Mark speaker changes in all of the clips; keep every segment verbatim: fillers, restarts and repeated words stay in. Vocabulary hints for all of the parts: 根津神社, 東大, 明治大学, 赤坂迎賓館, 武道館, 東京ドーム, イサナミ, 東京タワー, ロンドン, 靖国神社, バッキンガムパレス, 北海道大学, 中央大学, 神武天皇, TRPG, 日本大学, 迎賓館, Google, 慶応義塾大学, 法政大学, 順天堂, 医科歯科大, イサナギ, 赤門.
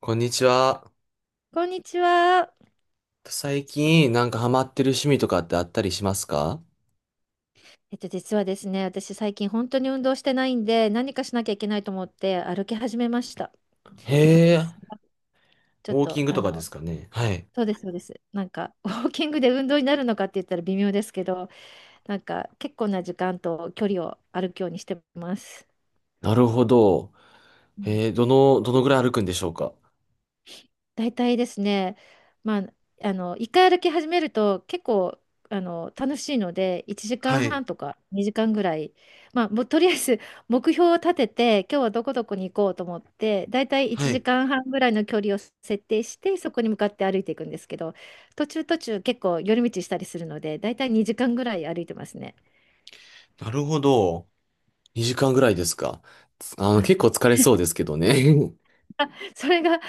Speaker 1: こんにちは。
Speaker 2: こんにちは。
Speaker 1: 最近なんかハマってる趣味とかってあったりしますか？
Speaker 2: えっと、実はですね、私最近本当に運動してないんで、何かしなきゃいけないと思って歩き始めました。
Speaker 1: へえ、
Speaker 2: ちょ
Speaker 1: ウ
Speaker 2: っ
Speaker 1: ォーキ
Speaker 2: と、
Speaker 1: ング
Speaker 2: あ
Speaker 1: とかで
Speaker 2: の、
Speaker 1: すかね。はい。
Speaker 2: そうです、そうです。なんか、ウォーキングで運動になるのかって言ったら微妙ですけど、なんか、結構な時間と距離を歩くようにしてます。
Speaker 1: なるほど。えー、どの、どのぐらい歩くんでしょうか？
Speaker 2: 大体ですね、まあ、あの、一回歩き始めると結構、あの、楽しいので、1時
Speaker 1: は
Speaker 2: 間
Speaker 1: い。
Speaker 2: 半とかにじかんぐらい、まあ、もうとりあえず 目標を立てて、今日はどこどこに行こうと思って、大体
Speaker 1: は
Speaker 2: 1
Speaker 1: い。
Speaker 2: 時間半ぐらいの距離を設定して、そこに向かって歩いていくんですけど、途中途中結構寄り道したりするので、大体にじかんぐらい歩いてますね。
Speaker 1: なるほど。にじかんぐらいですか。つあの、
Speaker 2: は
Speaker 1: 結構
Speaker 2: い。
Speaker 1: 疲れそうですけどね。
Speaker 2: それが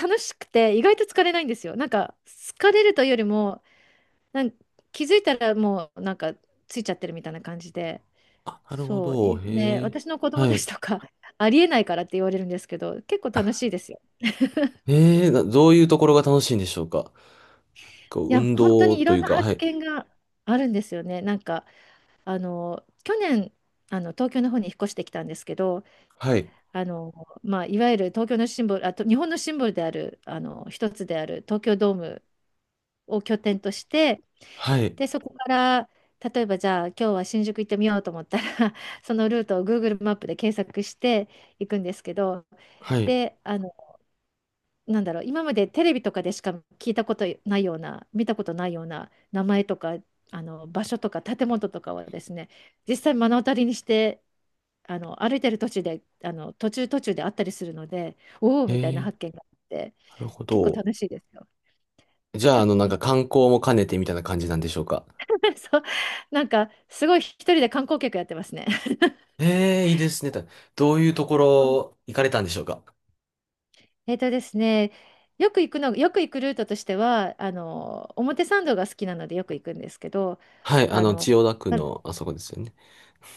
Speaker 2: 楽しくて、意外と疲れないんですよ。なんか、疲れるというよりも、なん気づいたらもうなんかついちゃってるみたいな感じで、
Speaker 1: あ、なるほ
Speaker 2: そう、
Speaker 1: ど。
Speaker 2: いで、
Speaker 1: へえ。
Speaker 2: 私の子供
Speaker 1: は
Speaker 2: たち
Speaker 1: い。
Speaker 2: とか ありえないからって言われるんですけど、結構楽しいですよ。
Speaker 1: えーなどういうところが楽しいんでしょうか？こ
Speaker 2: い
Speaker 1: う
Speaker 2: や、
Speaker 1: 運
Speaker 2: 本当
Speaker 1: 動
Speaker 2: にい
Speaker 1: と
Speaker 2: ろん
Speaker 1: いう
Speaker 2: な
Speaker 1: か、は
Speaker 2: 発
Speaker 1: い。
Speaker 2: 見があるんですよね。なんか、あの、去年、あの東京の方に引っ越してきたんですけど、
Speaker 1: はい。
Speaker 2: あのまあ、いわゆる東京のシンボル、あと日本のシンボルであるあの一つである東京ドームを拠点として、
Speaker 1: はい。
Speaker 2: で、そこから、例えばじゃあ今日は新宿行ってみようと思ったら そのルートを Google マップで検索していくんですけど、
Speaker 1: はい。
Speaker 2: で、あの、なんだろう、今までテレビとかでしか聞いたことないような、見たことないような名前とか、あの、場所とか建物とかはですね、実際目の当たりにして、あの、歩いてる途中で、あの、途中途中であったりするので、おお
Speaker 1: へ
Speaker 2: みたいな
Speaker 1: え、
Speaker 2: 発見があって、
Speaker 1: なるほ
Speaker 2: 結構
Speaker 1: ど。
Speaker 2: 楽しいですよ。
Speaker 1: じゃあ、
Speaker 2: た
Speaker 1: あの、なんか観光も兼ねてみたいな感じなんでしょうか。
Speaker 2: そう、なんかすごい一人で観光客やってますね。
Speaker 1: ええ、いいですね。たどういうところ行かれたんでしょうか。
Speaker 2: えっとですね、よく行くの、よく行くルートとしては、あの、表参道が好きなのでよく行くんですけど、
Speaker 1: はい、あ
Speaker 2: あ
Speaker 1: の、千
Speaker 2: の、
Speaker 1: 代田区
Speaker 2: あ、
Speaker 1: のあそこですよね。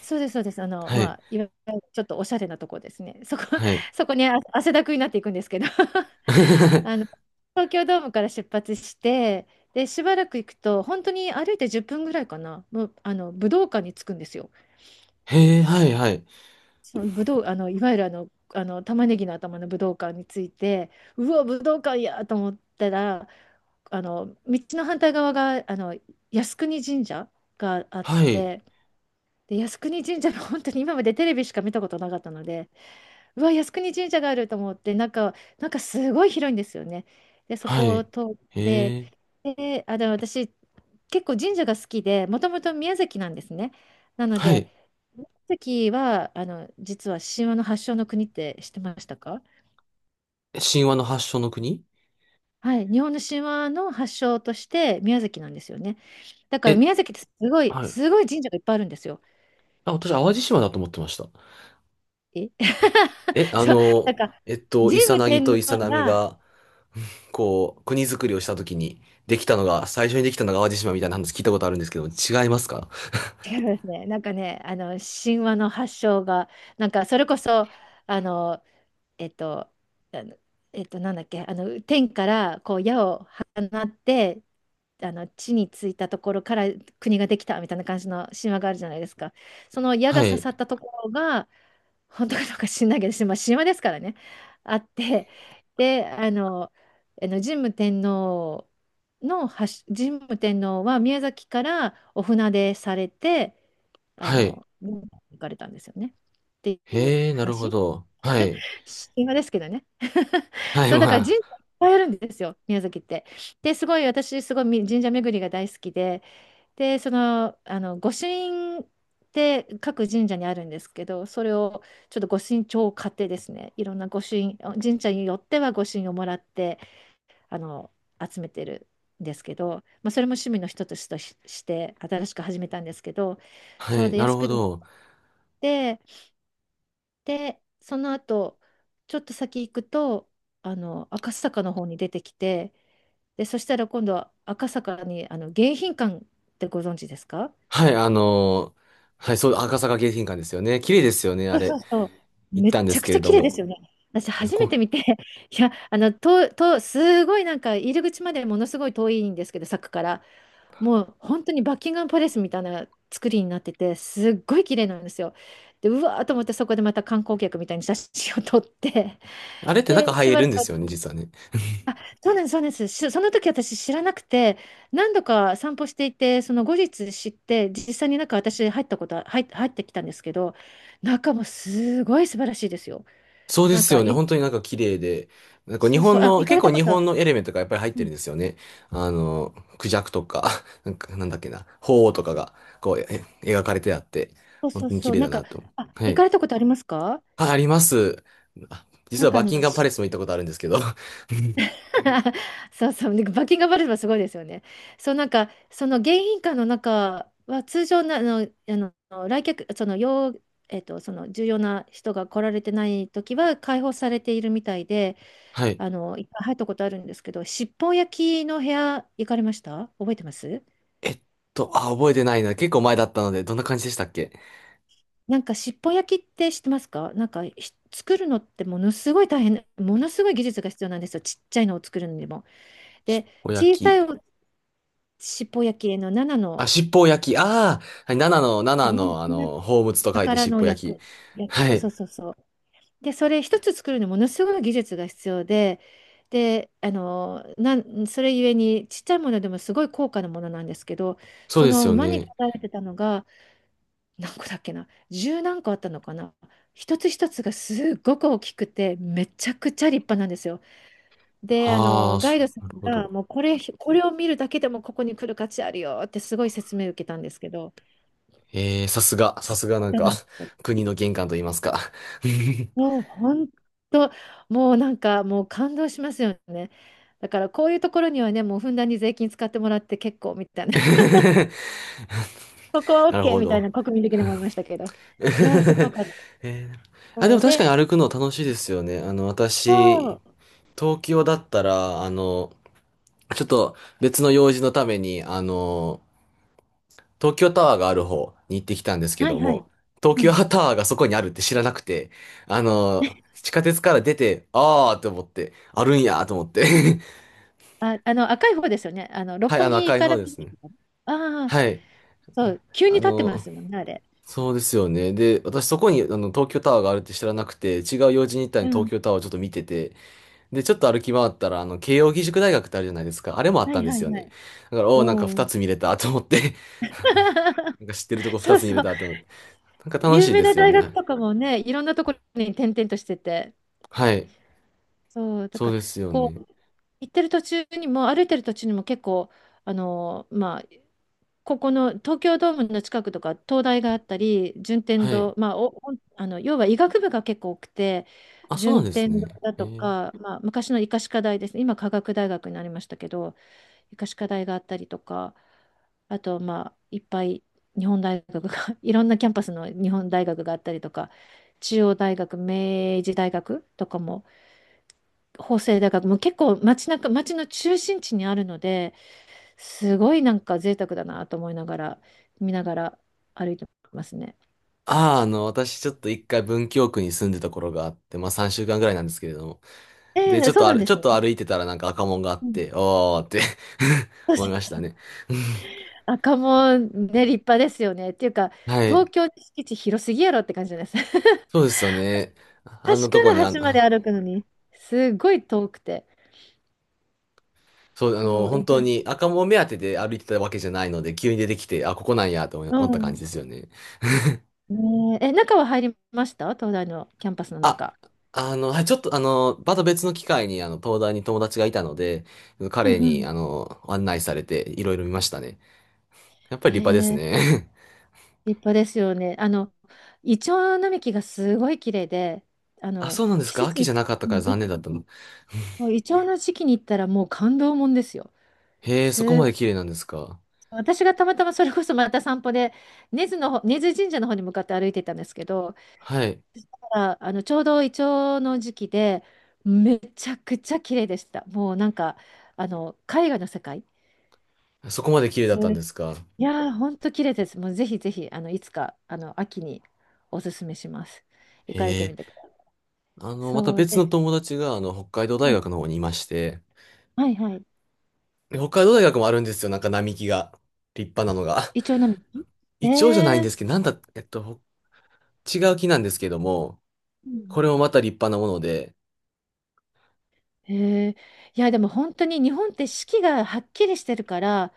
Speaker 2: そうです、そうです。あの、
Speaker 1: は
Speaker 2: ま
Speaker 1: い、
Speaker 2: あ、いわゆるちょっとおしゃれなとこですね。そこ、
Speaker 1: はい。
Speaker 2: そこにあ汗だくになっていくんですけど、あの、東京ドームから出発して、で、しばらく行くと、本当に歩いてじゅっぷんぐらいかな、もう、あの、武道館に着くんですよ。
Speaker 1: へえ、はい、はい、
Speaker 2: その武道、あの、いわゆるあの、あの玉ねぎの頭の武道館について、うわ、武道館やと思ったら、あの道の反対側があの靖国神社があっ
Speaker 1: はい、
Speaker 2: て、で靖国神社の、本当に今までテレビしか見たことなかったので、うわ、靖国神社があると思って、なんか、なんかすごい広いんですよね。で、そ
Speaker 1: は
Speaker 2: こを
Speaker 1: い。
Speaker 2: 通って、
Speaker 1: へえ、
Speaker 2: で、あの、でも私、結構神社が好きで、もともと宮崎なんですね。なの
Speaker 1: は
Speaker 2: で、
Speaker 1: い。
Speaker 2: 宮崎は、あの、実は神話の発祥の国って知ってましたか？
Speaker 1: 神話の発祥の国？
Speaker 2: はい、日本の神話の発祥として宮崎なんですよね。だから
Speaker 1: え、
Speaker 2: 宮崎ってすごい、
Speaker 1: はい。
Speaker 2: すごい神社がいっぱいあるんですよ。
Speaker 1: あ、私、淡路島だと思ってました。
Speaker 2: え
Speaker 1: え、あ
Speaker 2: そう、な
Speaker 1: の、
Speaker 2: んか、
Speaker 1: えっと、イ
Speaker 2: 神
Speaker 1: サ
Speaker 2: 武
Speaker 1: ナギ
Speaker 2: 天
Speaker 1: と
Speaker 2: 皇
Speaker 1: イサナミ
Speaker 2: が、
Speaker 1: が、こう、国づくりをしたときに、できたのが、最初にできたのが淡路島みたいな話聞いたことあるんですけど、違いますか？
Speaker 2: 違いますね。なんかね、あの神話の発祥が、なんかそれこそ、あの、えっと、あのえっと、なんだっけ、あの天からこう矢を放って、あの地についたところから国ができたみたいな感じの神話があるじゃないですか。その矢が
Speaker 1: は
Speaker 2: 刺さっ
Speaker 1: い。
Speaker 2: たところが、本当かどうか知んないけど、まあ、神話ですからね、あって、で、あの、あの神武天皇の発、神武天皇は宮崎からお船でされて、あ
Speaker 1: はい。
Speaker 2: の、行かれたんですよね。っていう
Speaker 1: へえ、なるほ
Speaker 2: 話。
Speaker 1: ど。はい。
Speaker 2: 神話ですけどね。
Speaker 1: はい、
Speaker 2: そう、だから神社
Speaker 1: ま
Speaker 2: いっ
Speaker 1: あ。
Speaker 2: ぱいあるんですよ、宮崎って。で、すごい、私、すごい神社巡りが大好きで、で、その、あの、御朱印って各神社にあるんですけど、それをちょっと御朱印帳を買ってですね、いろんな御朱印、神社によっては御朱印をもらって、あの、集めてるんですけど、まあ、それも趣味の一つとし、して新しく始めたんですけど、
Speaker 1: は
Speaker 2: そう
Speaker 1: い、
Speaker 2: で
Speaker 1: なる
Speaker 2: 靖
Speaker 1: ほ
Speaker 2: 国に行っ
Speaker 1: ど。
Speaker 2: て、で、その後、ちょっと先行くと、あの、赤坂の方に出てきて、で、そしたら今度は赤坂に、あの、迎賓館ってご存知ですか？
Speaker 1: はい、あのーはい、そう、赤坂迎賓館ですよね。綺麗ですよね、あ
Speaker 2: そ
Speaker 1: れ。
Speaker 2: うそう。
Speaker 1: 行っ
Speaker 2: めっ
Speaker 1: たんで
Speaker 2: ちゃ
Speaker 1: す
Speaker 2: く
Speaker 1: け
Speaker 2: ち
Speaker 1: れ
Speaker 2: ゃ
Speaker 1: ど
Speaker 2: 綺麗です
Speaker 1: も。
Speaker 2: よね。私初め
Speaker 1: こ、
Speaker 2: て見て、いや、あの、と、と、すごいなんか入り口までものすごい遠いんですけど、柵から。もう本当にバッキンガムパレスみたいな作りになってて、すっごい綺麗なんですよ。で、うわーと思ってそこでまた観光客みたいに写真を撮って、
Speaker 1: あれって中
Speaker 2: で、
Speaker 1: 入
Speaker 2: し
Speaker 1: れ
Speaker 2: ば
Speaker 1: る
Speaker 2: ら
Speaker 1: ん
Speaker 2: く
Speaker 1: ですよね、実はね。
Speaker 2: あ、そうなんです、そうなんです。しその時私知らなくて、何度か散歩していて、その後日知って、実際になんか私入ったことは、入っ、入ってきたんですけど、中もすごい素晴らしいですよ。
Speaker 1: そうで
Speaker 2: なん
Speaker 1: す
Speaker 2: か、
Speaker 1: よね。
Speaker 2: い、
Speaker 1: 本当になんか綺麗で。なんか日
Speaker 2: そうそう、
Speaker 1: 本
Speaker 2: あ、
Speaker 1: の、
Speaker 2: 行か
Speaker 1: 結
Speaker 2: れた
Speaker 1: 構日
Speaker 2: こ
Speaker 1: 本
Speaker 2: と、
Speaker 1: のエレメントがやっぱり入っ
Speaker 2: う
Speaker 1: て
Speaker 2: ん、
Speaker 1: るんですよね。あのクジャクとか、なんか、なんだっけな、鳳凰とかが、こう、え描かれてあって、
Speaker 2: そう
Speaker 1: 本
Speaker 2: そう
Speaker 1: 当に綺
Speaker 2: そう、
Speaker 1: 麗
Speaker 2: な
Speaker 1: だ
Speaker 2: んか、
Speaker 1: なと。
Speaker 2: あ、
Speaker 1: は
Speaker 2: 行か
Speaker 1: い。
Speaker 2: れたことありますか？
Speaker 1: あ、あります。あ
Speaker 2: な
Speaker 1: 実
Speaker 2: ん
Speaker 1: は
Speaker 2: か
Speaker 1: バ
Speaker 2: あ
Speaker 1: ッキン
Speaker 2: の、
Speaker 1: ガムパレスも行ったことあるんですけど。
Speaker 2: そうそう、でバッキンガムパレスもすごいですよね。そう、なんか、その迎賓館の中は、通常な、あの、あの、来客、その、要、えっと、その、重要な人が来られてない時は、開放されているみたいで、
Speaker 1: はい。
Speaker 2: あの、いっぱい入ったことあるんですけど、尻尾焼きの部屋、行かれました？覚えてます？
Speaker 1: えっと、あ、覚えてないな。結構前だったので、どんな感じでしたっけ？
Speaker 2: なんか、尻尾焼きって知ってますか？なんか、ひ作るのってものすごい大変、ものすごい技術が必要なんですよ。ちっちゃいのを作るのにも。
Speaker 1: し
Speaker 2: で、
Speaker 1: っぽ
Speaker 2: 小
Speaker 1: 焼
Speaker 2: さい
Speaker 1: き。
Speaker 2: 尻尾焼きのなな
Speaker 1: あ、
Speaker 2: の、
Speaker 1: しっぽ焼き。ああ、はい、ななの、
Speaker 2: な
Speaker 1: ななの、あ
Speaker 2: な
Speaker 1: の、宝物と書いて
Speaker 2: 宝
Speaker 1: しっ
Speaker 2: の
Speaker 1: ぽ焼き。
Speaker 2: 役、役、
Speaker 1: は
Speaker 2: そうそ
Speaker 1: い。
Speaker 2: うそうそう。で、それ一つ作るのにものすごい技術が必要で、で、あの、なん、それゆえにちっちゃいものでもすごい高価なものなんですけど、
Speaker 1: そう
Speaker 2: そ
Speaker 1: です
Speaker 2: の
Speaker 1: よ
Speaker 2: 間に書
Speaker 1: ね。
Speaker 2: かれてたのが、何個だっけな、十何個あったのかな。一つ一つがすっごく大きくて、めちゃくちゃ立派なんですよ。で、あ
Speaker 1: あ
Speaker 2: の、
Speaker 1: あ、
Speaker 2: ガイ
Speaker 1: そ
Speaker 2: ドさ
Speaker 1: う、なる
Speaker 2: ん
Speaker 1: ほ
Speaker 2: が、
Speaker 1: ど。
Speaker 2: もうこれ、これを見るだけでもここに来る価値あるよってすごい説明受けたんですけど、
Speaker 1: えー、さすが、さ
Speaker 2: す
Speaker 1: すが
Speaker 2: ごい
Speaker 1: なん
Speaker 2: じゃ
Speaker 1: か、
Speaker 2: ない？
Speaker 1: 国の玄関と言いますか。
Speaker 2: もう本当、もうなんかもう感動しますよね。だからこういうところにはね、もうふんだんに税金使ってもらって結構みたいな、ここは
Speaker 1: なる
Speaker 2: OK
Speaker 1: ほ
Speaker 2: みたい
Speaker 1: ど。
Speaker 2: な国民的に思いましたけど。いや、すごかった。
Speaker 1: えーあ、で
Speaker 2: そ
Speaker 1: も
Speaker 2: う
Speaker 1: 確か
Speaker 2: で、
Speaker 1: に歩くの楽しいですよね。あの、
Speaker 2: そ
Speaker 1: 私、
Speaker 2: う、
Speaker 1: 東京だったら、あの、ちょっと別の用事のために、あの、東京タワーがある方に行ってきたんですけ
Speaker 2: はい
Speaker 1: ど
Speaker 2: はい。
Speaker 1: も、東
Speaker 2: う
Speaker 1: 京
Speaker 2: ん。
Speaker 1: タワーがそこにあるって知らなくて、あの、地下鉄から出て、あーって思って、あるんやーと思って。
Speaker 2: あ、あの赤い方ですよね。あの 六
Speaker 1: はい、あ
Speaker 2: 本
Speaker 1: の
Speaker 2: 木
Speaker 1: 赤い
Speaker 2: か
Speaker 1: 方
Speaker 2: ら見
Speaker 1: です
Speaker 2: る
Speaker 1: ね。
Speaker 2: の。ああ、
Speaker 1: はい。
Speaker 2: そう、急に
Speaker 1: あ
Speaker 2: 立ってま
Speaker 1: の、
Speaker 2: すもんね、あれ。
Speaker 1: そうですよね。で、私そこにあの東京タワーがあるって知らなくて、違う用事に行ったの
Speaker 2: う
Speaker 1: に
Speaker 2: ん。
Speaker 1: 東京タワーをちょっと見てて、で、ちょっと歩き回ったら、あの、慶応義塾大学ってあるじゃないですか。あれもあっ
Speaker 2: は
Speaker 1: た
Speaker 2: い
Speaker 1: んで
Speaker 2: は
Speaker 1: す
Speaker 2: い
Speaker 1: よ
Speaker 2: は
Speaker 1: ね。
Speaker 2: い。
Speaker 1: だから、おお、なんか
Speaker 2: お
Speaker 1: 二
Speaker 2: お。
Speaker 1: つ見れたと思って。 なんか知ってるとこ二
Speaker 2: そう
Speaker 1: つ見
Speaker 2: そ
Speaker 1: れ
Speaker 2: う。
Speaker 1: たと思って。なんか楽し
Speaker 2: 有
Speaker 1: い
Speaker 2: 名
Speaker 1: で
Speaker 2: な
Speaker 1: すよ
Speaker 2: 大学
Speaker 1: ね。
Speaker 2: とかもね、いろんなところに転々としてて。
Speaker 1: はい。
Speaker 2: そう、だ
Speaker 1: そう
Speaker 2: から、
Speaker 1: ですよ
Speaker 2: こ
Speaker 1: ね。
Speaker 2: う、行ってる途中にも、歩いてる途中にも結構、あの、まあ、ここの東京ドームの近くとか、東大があったり、順天
Speaker 1: はい。
Speaker 2: 堂、まあ、お、お、あの、要は医学部が結構多くて、
Speaker 1: あ、そうな
Speaker 2: 順
Speaker 1: んです
Speaker 2: 天堂
Speaker 1: ね。
Speaker 2: だ
Speaker 1: え
Speaker 2: と
Speaker 1: ー、
Speaker 2: か、まあ、昔の医科歯科大ですね。今、科学大学になりましたけど、医科歯科大があったりとか、あと、まあ、いっぱい日本大学が いろんなキャンパスの日本大学があったりとか、中央大学、明治大学とかも、法政大学、もう結構街中、街の中心地にあるので、すごいなんか贅沢だなと思いながら、見ながら歩いてますね。
Speaker 1: ああ、あの、私ちょっと一回文京区に住んでた頃があって、まあさんしゅうかんぐらいなんですけれども。で、
Speaker 2: え
Speaker 1: ち
Speaker 2: え、
Speaker 1: ょっ
Speaker 2: そう
Speaker 1: とあ
Speaker 2: なん
Speaker 1: る、
Speaker 2: で
Speaker 1: ちょ
Speaker 2: す
Speaker 1: っ
Speaker 2: ね。
Speaker 1: と歩いてたらなんか赤門があっ
Speaker 2: うん、
Speaker 1: て、おーって
Speaker 2: そうそ
Speaker 1: 思いまし
Speaker 2: う、
Speaker 1: たね。
Speaker 2: 赤門ね、立派ですよね。っていうか、
Speaker 1: はい。
Speaker 2: 東京の敷地広すぎやろって感じです。
Speaker 1: そうですよね。あん
Speaker 2: 端
Speaker 1: な
Speaker 2: か
Speaker 1: とこ
Speaker 2: ら
Speaker 1: にあん、
Speaker 2: 端まで歩くのに、すごい遠くて。
Speaker 1: そう、あの、
Speaker 2: そう、
Speaker 1: 本当
Speaker 2: え、
Speaker 1: に赤門目当てで歩いてたわけじゃないので、急に出てきて、あ、ここなんやと思い
Speaker 2: う
Speaker 1: 思った感じ
Speaker 2: ん。
Speaker 1: ですよね。
Speaker 2: ねえ、え、中は入りました？東大のキャンパスの
Speaker 1: あ、
Speaker 2: 中。
Speaker 1: あの、はい、ちょっとあの、また別の機会に、あの、東大に友達がいたので、
Speaker 2: う
Speaker 1: 彼
Speaker 2: んう
Speaker 1: に、
Speaker 2: ん。
Speaker 1: あの、案内されて、いろいろ見ましたね。やっぱり立派です
Speaker 2: え、
Speaker 1: ね。
Speaker 2: 立派ですよね。あの、イチョウ並木がすごい綺麗で、あ
Speaker 1: あ、
Speaker 2: の、
Speaker 1: そうなんです
Speaker 2: 季
Speaker 1: か？
Speaker 2: 節
Speaker 1: 秋
Speaker 2: に、
Speaker 1: じゃなかった
Speaker 2: う
Speaker 1: から
Speaker 2: ん、
Speaker 1: 残
Speaker 2: い
Speaker 1: 念だったの。
Speaker 2: イチョウの時期に行ったらもう感動もんですよ。
Speaker 1: へえ、そこま
Speaker 2: す、
Speaker 1: で綺麗なんですか？
Speaker 2: 私がたまたまそれこそまた散歩で、根津の方、根津神社の方に向かって歩いてたんですけど、
Speaker 1: はい。
Speaker 2: あ、あの、ちょうどイチョウの時期で、めちゃくちゃ綺麗でした。もうなんか、あの、絵画の世界。
Speaker 1: そこまで綺麗だ
Speaker 2: す、
Speaker 1: ったんですか？
Speaker 2: いやー、ほんと綺麗です。もうぜひぜひ、あの、いつか、あの、秋におすすめします。行かれ
Speaker 1: へ
Speaker 2: て
Speaker 1: え。
Speaker 2: みてください。
Speaker 1: あの、また
Speaker 2: そう
Speaker 1: 別の
Speaker 2: で、
Speaker 1: 友達が、あの、北海道
Speaker 2: う
Speaker 1: 大
Speaker 2: ん、
Speaker 1: 学の方にいまして、
Speaker 2: はいはい。
Speaker 1: 北海道大学もあるんですよ。なんか並木が。立派なのが。
Speaker 2: イチョウ並木。
Speaker 1: 一応じゃないん
Speaker 2: ね
Speaker 1: ですけ
Speaker 2: え、
Speaker 1: ど、なんだ、えっと、ほ違う木なんですけども、
Speaker 2: うん。
Speaker 1: これもまた立派なもので、
Speaker 2: え。へえ。いや、でも本当に日本って四季がはっきりしてるから、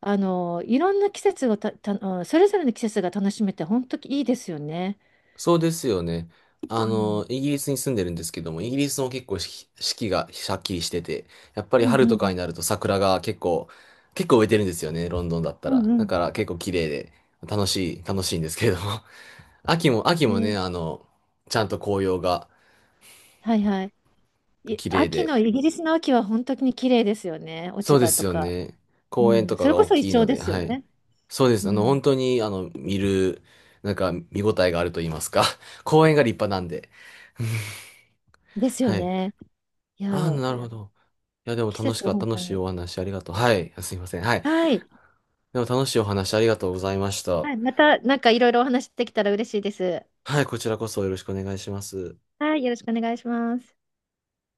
Speaker 2: あの、いろんな季節をた、た、あのそれぞれの季節が楽しめて、本当にいいですよね。
Speaker 1: そうですよね。あ
Speaker 2: う
Speaker 1: の、
Speaker 2: ん
Speaker 1: イギリスに住んでるんですけども、イギリスも結構四季四季がしゃっきりしてて、やっぱり
Speaker 2: うん
Speaker 1: 春
Speaker 2: う
Speaker 1: とか
Speaker 2: ん。
Speaker 1: になると桜が結構、結構植えてるんですよね、ロンドンだった
Speaker 2: うん
Speaker 1: ら。
Speaker 2: う
Speaker 1: だ
Speaker 2: ん。
Speaker 1: から結構綺麗で、楽しい、楽しいんですけれども。秋も、秋もね、
Speaker 2: ね、
Speaker 1: あの、ちゃんと紅葉が
Speaker 2: はいはい。い、
Speaker 1: 綺麗
Speaker 2: 秋
Speaker 1: で、
Speaker 2: の、イギリスの秋は本当に綺麗ですよね。落
Speaker 1: そう
Speaker 2: ち
Speaker 1: で
Speaker 2: 葉
Speaker 1: す
Speaker 2: と
Speaker 1: よ
Speaker 2: か。
Speaker 1: ね。
Speaker 2: う
Speaker 1: 公園
Speaker 2: ん。
Speaker 1: と
Speaker 2: そ
Speaker 1: か
Speaker 2: れ
Speaker 1: が
Speaker 2: こ
Speaker 1: 大
Speaker 2: そイ
Speaker 1: きい
Speaker 2: チョウ
Speaker 1: の
Speaker 2: で
Speaker 1: で、
Speaker 2: すよ
Speaker 1: はい。
Speaker 2: ね。
Speaker 1: そうで
Speaker 2: う
Speaker 1: す。あの、
Speaker 2: ん。
Speaker 1: 本当に、あの、見る、なんか、見応えがあると言いますか。公園が立派なんで。
Speaker 2: ですよ
Speaker 1: はい。
Speaker 2: ね。い
Speaker 1: ああ、
Speaker 2: や、
Speaker 1: なるほど。いや、でも
Speaker 2: 季
Speaker 1: 楽し
Speaker 2: 節が
Speaker 1: かった。
Speaker 2: 本
Speaker 1: 楽
Speaker 2: 当
Speaker 1: しい
Speaker 2: に。
Speaker 1: お話ありがとう。はい。あすいません。はい。
Speaker 2: はい。
Speaker 1: でも楽しいお話ありがとうございました。
Speaker 2: はい、またなんかいろいろお話できたら嬉しいです。
Speaker 1: はい、こちらこそよろしくお願いします。
Speaker 2: はい、よろしくお願いします。